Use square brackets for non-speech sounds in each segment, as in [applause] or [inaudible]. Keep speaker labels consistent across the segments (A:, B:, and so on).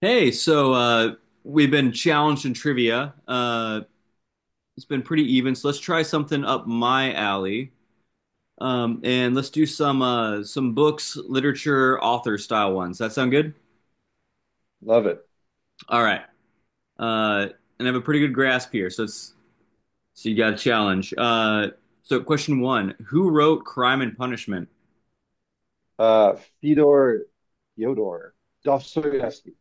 A: Hey, so we've been challenged in trivia. It's been pretty even, so let's try something up my alley. And let's do some books, literature, author style ones. That sound good?
B: Love it.
A: All right. Uh, and I have a pretty good grasp here, so it's so you got a challenge. So question one: Who wrote *Crime and Punishment*?
B: Uh, Fyodor Fyodor Dostoevsky.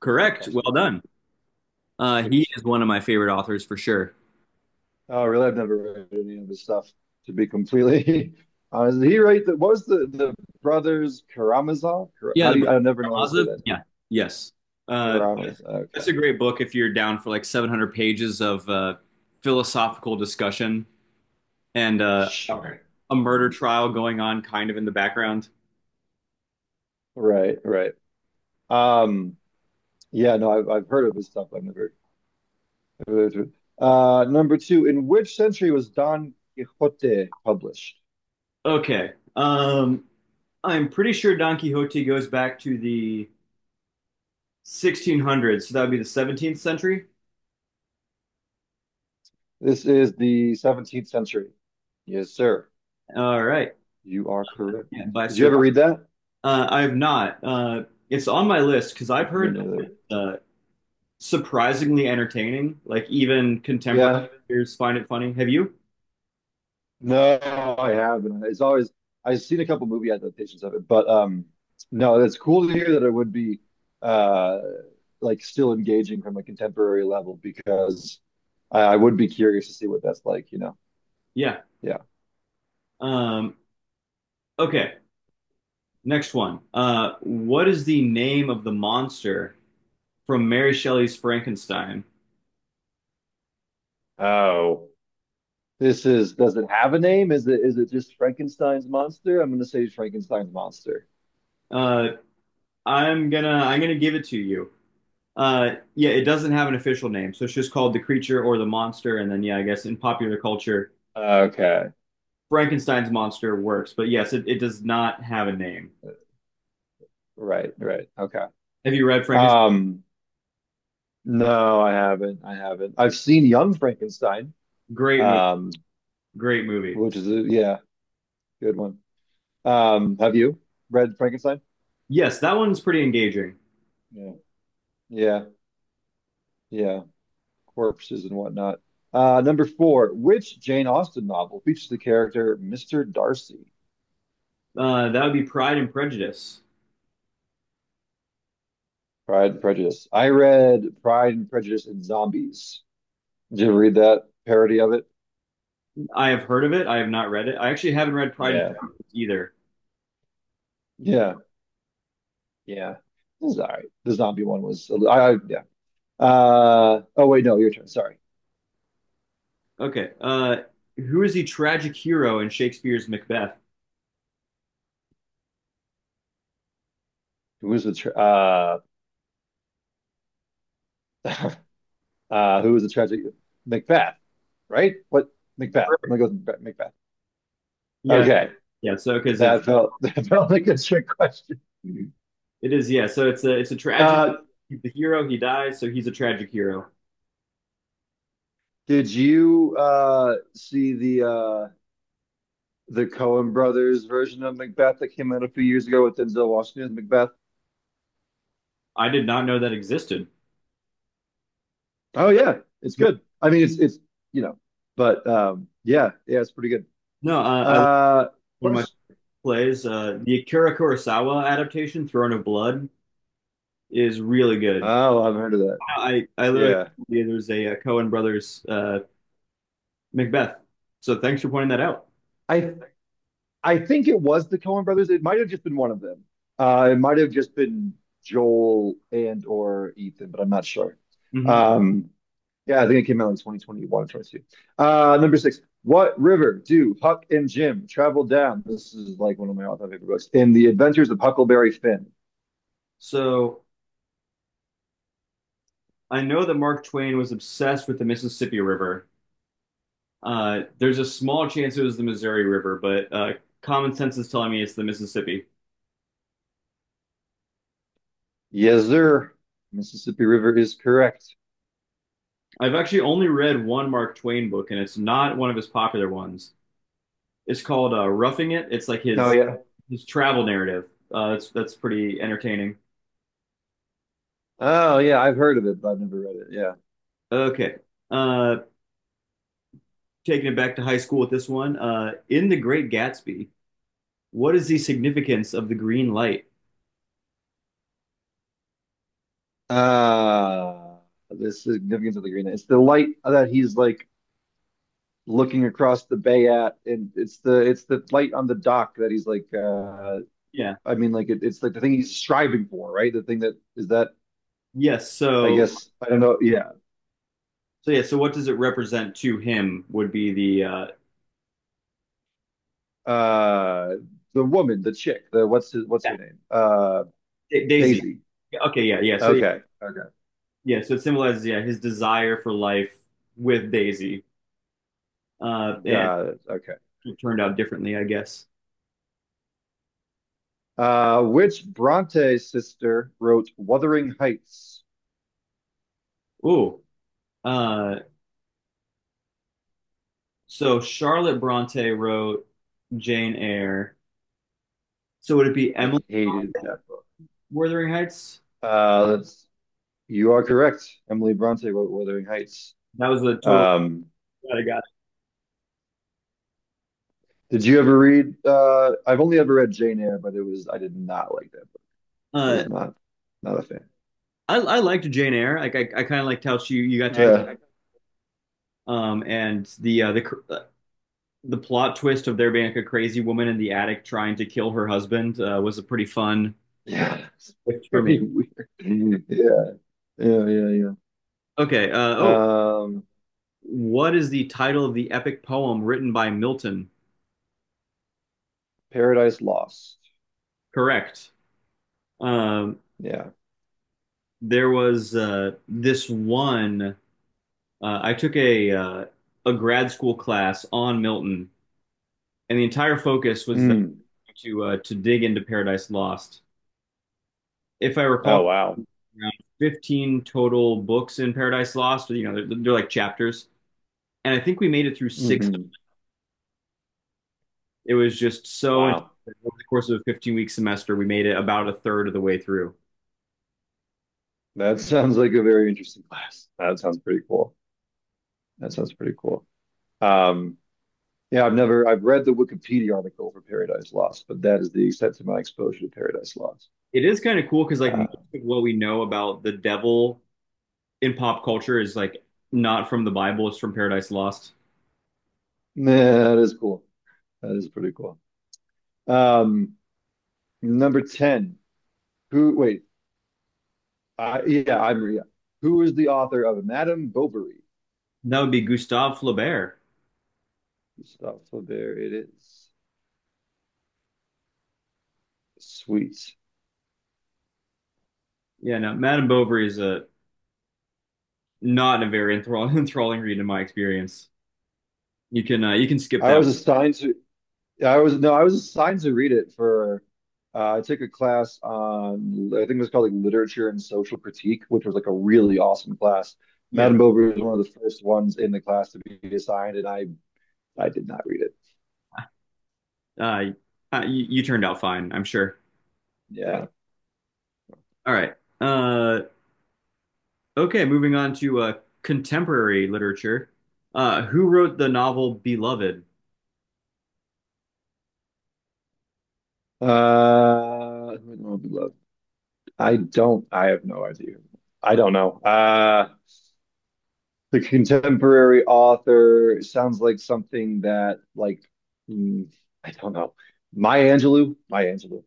A: Correct. Well
B: Dostoevsky.
A: done. He
B: Sweet.
A: is one of my favorite authors for sure.
B: Oh, I really? I've never read any of his stuff. To be completely [laughs] honest, did he write the what was the brothers Karamazov?
A: Yeah,
B: How
A: the
B: do you?
A: Brothers
B: I never know how to say
A: Karamazov.
B: that.
A: Yeah, yes. Uh,
B: Karamazov.
A: that's a
B: Okay.
A: great book if you're down for like 700 pages of philosophical discussion and
B: Sure.
A: a murder trial going on kind of in the background.
B: Right. Right. Um. Yeah. No, I've heard of his stuff. I've never. Heard of it. Number two. In which century was Don Quixote published?
A: Okay. I'm pretty sure Don Quixote goes back to the 1600s, so that would be the 17th century.
B: This is the 17th century. Yes, sir.
A: All right.
B: You are correct.
A: Yeah, by
B: Did you
A: Sir.
B: ever read that?
A: I have not. It's on my list because I've
B: Me
A: heard
B: neither.
A: uh, surprisingly entertaining. Like even contemporary
B: Yeah.
A: readers find it funny. Have you?
B: No, I haven't. It's always I've seen a couple movie adaptations of it, but no, it's cool to hear that it would be uh like still engaging from a contemporary level because I would be curious to see what that's like, you know.
A: Yeah.
B: Yeah.
A: Um, okay. Next one. What is the name of the monster from Mary Shelley's Frankenstein?
B: Oh, this is does it have a name? Is it just Frankenstein's monster? I'm gonna say Frankenstein's monster.
A: Uh, I'm gonna give it to you. Yeah, it doesn't have an official name, so it's just called the creature or the monster. And then yeah, I guess in popular culture,
B: Okay.
A: Frankenstein's monster works. But yes, it does not have a name.
B: Right, right. Okay.
A: Have you read Frankenstein?
B: Um, no, I haven't. I haven't. I've seen Young Frankenstein,
A: Great movie.
B: um,
A: Great movie.
B: which is a yeah, good one. Have you read Frankenstein?
A: Yes, that one's pretty engaging.
B: Yeah. Yeah, yeah. Corpses and whatnot. Number four, which Jane Austen novel features the character Mr. Darcy?
A: That would be Pride and Prejudice.
B: Pride and Prejudice. I read Pride and Prejudice and Zombies. Did you ever read that parody of it?
A: I have heard of it. I have not read it. I actually haven't read Pride and
B: Yeah.
A: Prejudice either.
B: Yeah. Yeah. It was all right. The zombie one was, I yeah. Oh wait, no, your turn. Sorry.
A: Okay. Who is the tragic hero in Shakespeare's Macbeth?
B: Who was the tra uh who was the tragic Macbeth, right? What Macbeth? I'm gonna go
A: Perfect.
B: with Macbeth. Macbeth.
A: Yeah,
B: Okay,
A: yeah. So because it's
B: that felt [laughs] that felt like a trick question.
A: it is, yeah. So it's a tragedy.
B: Uh,
A: He's the hero. He dies. So he's a tragic hero.
B: did you see the Coen Brothers version of Macbeth that came out a few years ago with Denzel Washington Macbeth?
A: I did not know that existed.
B: Oh yeah, it's
A: Yeah.
B: good. I mean, it's you know, but yeah, yeah, it's pretty good.
A: No, I love
B: Uh,
A: one of my
B: question.
A: plays. The Akira Kurosawa adaptation, Throne of Blood, is really good.
B: Oh, I've heard of that.
A: I literally
B: Yeah.
A: There's a Cohen Brothers Macbeth. So thanks for pointing that out.
B: I I think it was the Coen brothers. It might have just been one of them. It might have just been Joel and or Ethan, but I'm not sure.
A: hmm
B: Um, yeah, I think it came out in 2021 or 22. Number six. What river do Huck and Jim travel down? This is like one of my all-time favorite books. In The Adventures of Huckleberry Finn.
A: So I know that Mark Twain was obsessed with the Mississippi River. There's a small chance it was the Missouri River, but common sense is telling me it's the Mississippi.
B: Yes, sir. Mississippi River is correct.
A: I've actually only read one Mark Twain book, and it's not one of his popular ones. It's called Roughing It. It's like
B: Oh yeah.
A: his travel narrative. That's pretty entertaining.
B: Oh yeah, I've heard of it, but I've never read it. Yeah.
A: Okay, uh, taking it back to high school with this one. In The Great Gatsby, what is the significance of the green light?
B: Uh the significance of the green. It's the light that he's like looking across the bay at, and it's the light on the dock that he's like.
A: Yeah.
B: I mean, like it's like the thing he's striving for, right? The thing that is that
A: Yes.
B: I
A: So,
B: guess I don't know. Yeah,
A: what does it represent to him? Would be the
B: uh, the woman, the chick, what's her name?
A: Daisy.
B: Daisy.
A: Okay. Yeah. Yeah. So yeah.
B: Okay, okay,
A: Yeah. So it symbolizes, yeah, his desire for life with Daisy. And
B: got it. Okay.
A: it turned out differently, I guess.
B: Which Bronte sister wrote *Wuthering Heights*?
A: Ooh. Uh, so Charlotte Bronte wrote Jane Eyre. So would it be
B: I
A: Emily
B: hated that book.
A: Wuthering Heights?
B: That's you are correct. Emily Bronte wrote *Wuthering Heights*.
A: That was the total
B: Um,
A: that I got.
B: Did you ever read? I've only ever read Jane Eyre, but it was I did not like that book. I
A: Uh,
B: was not a fan.
A: I liked Jane Eyre. Like I kind of liked how she you got to grow.
B: Yeah,
A: And the the plot twist of there being like a crazy woman in the attic trying to kill her husband was a pretty fun
B: yeah, it's
A: twist for me.
B: pretty weird. [laughs] Yeah, yeah, yeah,
A: Okay.
B: yeah.
A: Oh,
B: Um,
A: what is the title of the epic poem written by Milton?
B: Paradise Lost.
A: Correct. Um,
B: Yeah.
A: there was this one. I took a grad school class on Milton, and the entire focus was that
B: Mm.
A: to dig into Paradise Lost. If I
B: Oh
A: recall,
B: wow.
A: around 15 total books in Paradise Lost. You know, they're like chapters. And I think we made it through six.
B: Hmm.
A: It was just so intense.
B: Wow.
A: Over the course of a 15-week semester, we made it about a third of the way through.
B: That sounds like a very interesting class. That sounds pretty cool. That sounds pretty cool. Um, yeah, I've never I've read the Wikipedia article for Paradise Lost, but that is the extent of my exposure to Paradise Lost.
A: It is kind of cool because like
B: Uh,
A: most of what we know about the devil in pop culture is like not from the Bible; it's from Paradise Lost.
B: man, that is cool. That is pretty cool. Um, number 10. Who, wait, yeah, I'm Maria. Who is the author of Madame Bovary?
A: That would be Gustave Flaubert.
B: Gustave Flaubert, it is. Sweet.
A: Yeah, no, Madame Bovary is a not a very enthralling, [laughs] enthralling read in my experience. You can skip
B: I
A: that one.
B: was assigned to, I was, no, I was assigned to read it for, I took a class on, I think it was called like Literature and Social Critique, which was like a really awesome class.
A: Yeah,
B: Madame Bovary was one of the first ones in the class to be assigned, and I did not read it.
A: uh, you turned out fine, I'm sure.
B: Yeah.
A: All right. Uh, Okay moving on to contemporary literature. Who wrote the novel Beloved?
B: Who would Love? I have no idea. I don't know. The contemporary author sounds like something that, like, mm, I don't know. Maya Angelou? Maya Angelou.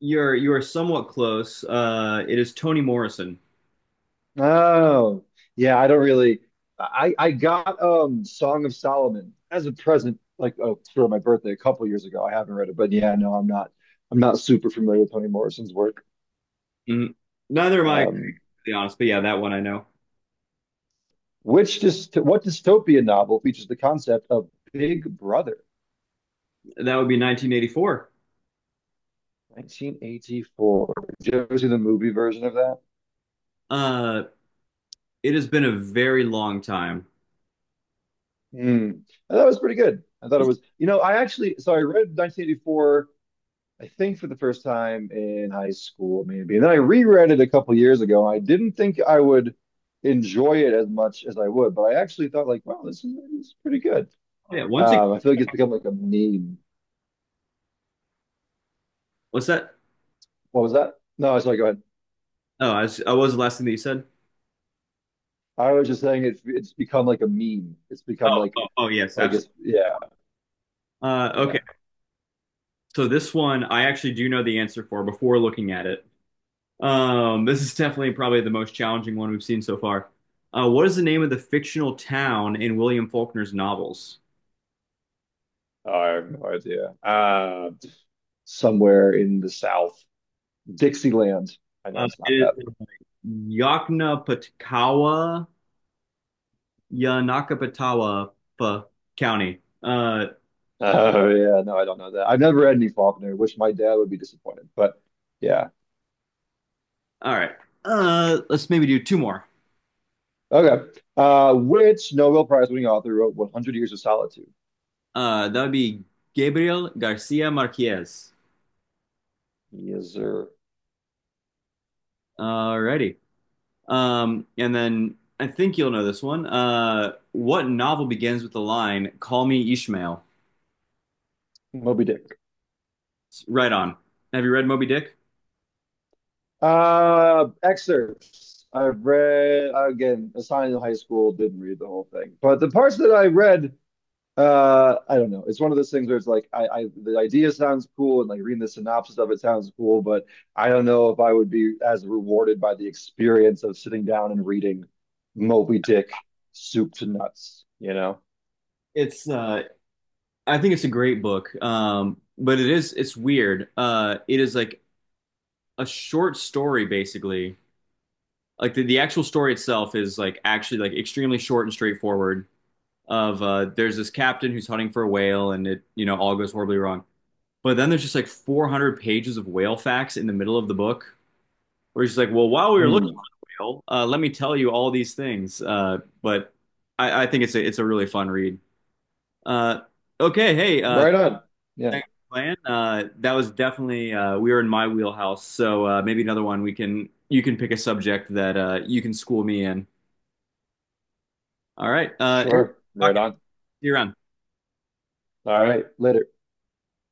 A: You are somewhat close. It is Toni Morrison.
B: Oh, yeah, I don't really. I got Song of Solomon as a present, like oh, for my birthday a couple years ago. I haven't read it, but yeah, no, I'm not. I'm not super familiar with Toni Morrison's work.
A: Mhm. Neither am I, to
B: Um,
A: be honest, but yeah, that one I know.
B: which just what dystopian novel features the concept of Big Brother?
A: That would be 1984.
B: 1984. Did you ever see the movie version of that?
A: Uh, it has been a very long time.
B: Hmm. I thought it was pretty good. I thought it was, you know, I actually, so I read 1984, I think for the first time in high school, maybe. And then I reread it a couple years ago. I didn't think I would enjoy it as much as I would, but I actually thought like, wow, this is pretty good.
A: Oh, yeah, once again,
B: I feel like it's become like a meme.
A: what's that?
B: What was that? No, sorry, go ahead.
A: What was the last thing that you said?
B: I was just saying it's become like a meme. It's become
A: Oh, oh, oh, yes,
B: like
A: absolutely.
B: it's yeah,
A: Okay,
B: yeah.
A: so this one I actually do know the answer for before looking at it. This is definitely probably the most challenging one we've seen so far. What is the name of the fictional town in William Faulkner's novels?
B: Oh, I have no idea. Somewhere in the South. Dixieland. I know
A: Uh,
B: it's not
A: it
B: that.
A: is Yaknapatkawa, Yanakapatawa Pa County. Uh,
B: Oh, yeah. No, I don't know that. I've never read any Faulkner, wish my dad would be disappointed. But yeah.
A: all right. Let's maybe do two more.
B: Okay. Which Nobel Prize winning author wrote 100 Years of Solitude?
A: That would be Gabriel Garcia Marquez.
B: Yes, sir.
A: Alrighty. And then I think you'll know this one. What novel begins with the line "Call me Ishmael"?
B: Moby Dick.
A: Right on. Have you read Moby Dick?
B: Excerpts. I've read, again, assigned in high school, didn't read the whole thing. But the parts that I read, uh, I don't know. It's one of those things where it's like I the idea sounds cool and like reading the synopsis of it sounds cool, but I don't know if I would be as rewarded by the experience of sitting down and reading Moby Dick soup to nuts, you know?
A: It's I think it's a great book. But it's weird. It is like a short story basically. Like the actual story itself is like actually like extremely short and straightforward of, there's this captain who's hunting for a whale and, it, you know, all goes horribly wrong. But then there's just like 400 pages of whale facts in the middle of the book where it's just like, "Well, while we were looking for
B: Hmm.
A: the whale, let me tell you all these things." But I think it's a really fun read. Uh, okay, hey,
B: Right on. Yeah,
A: thanks for playing. That was definitely we were in my wheelhouse, so maybe another one we can you can pick a subject that you can school me in. All right, hey,
B: sure. Right
A: talking.
B: on.
A: See you around.
B: All right, later.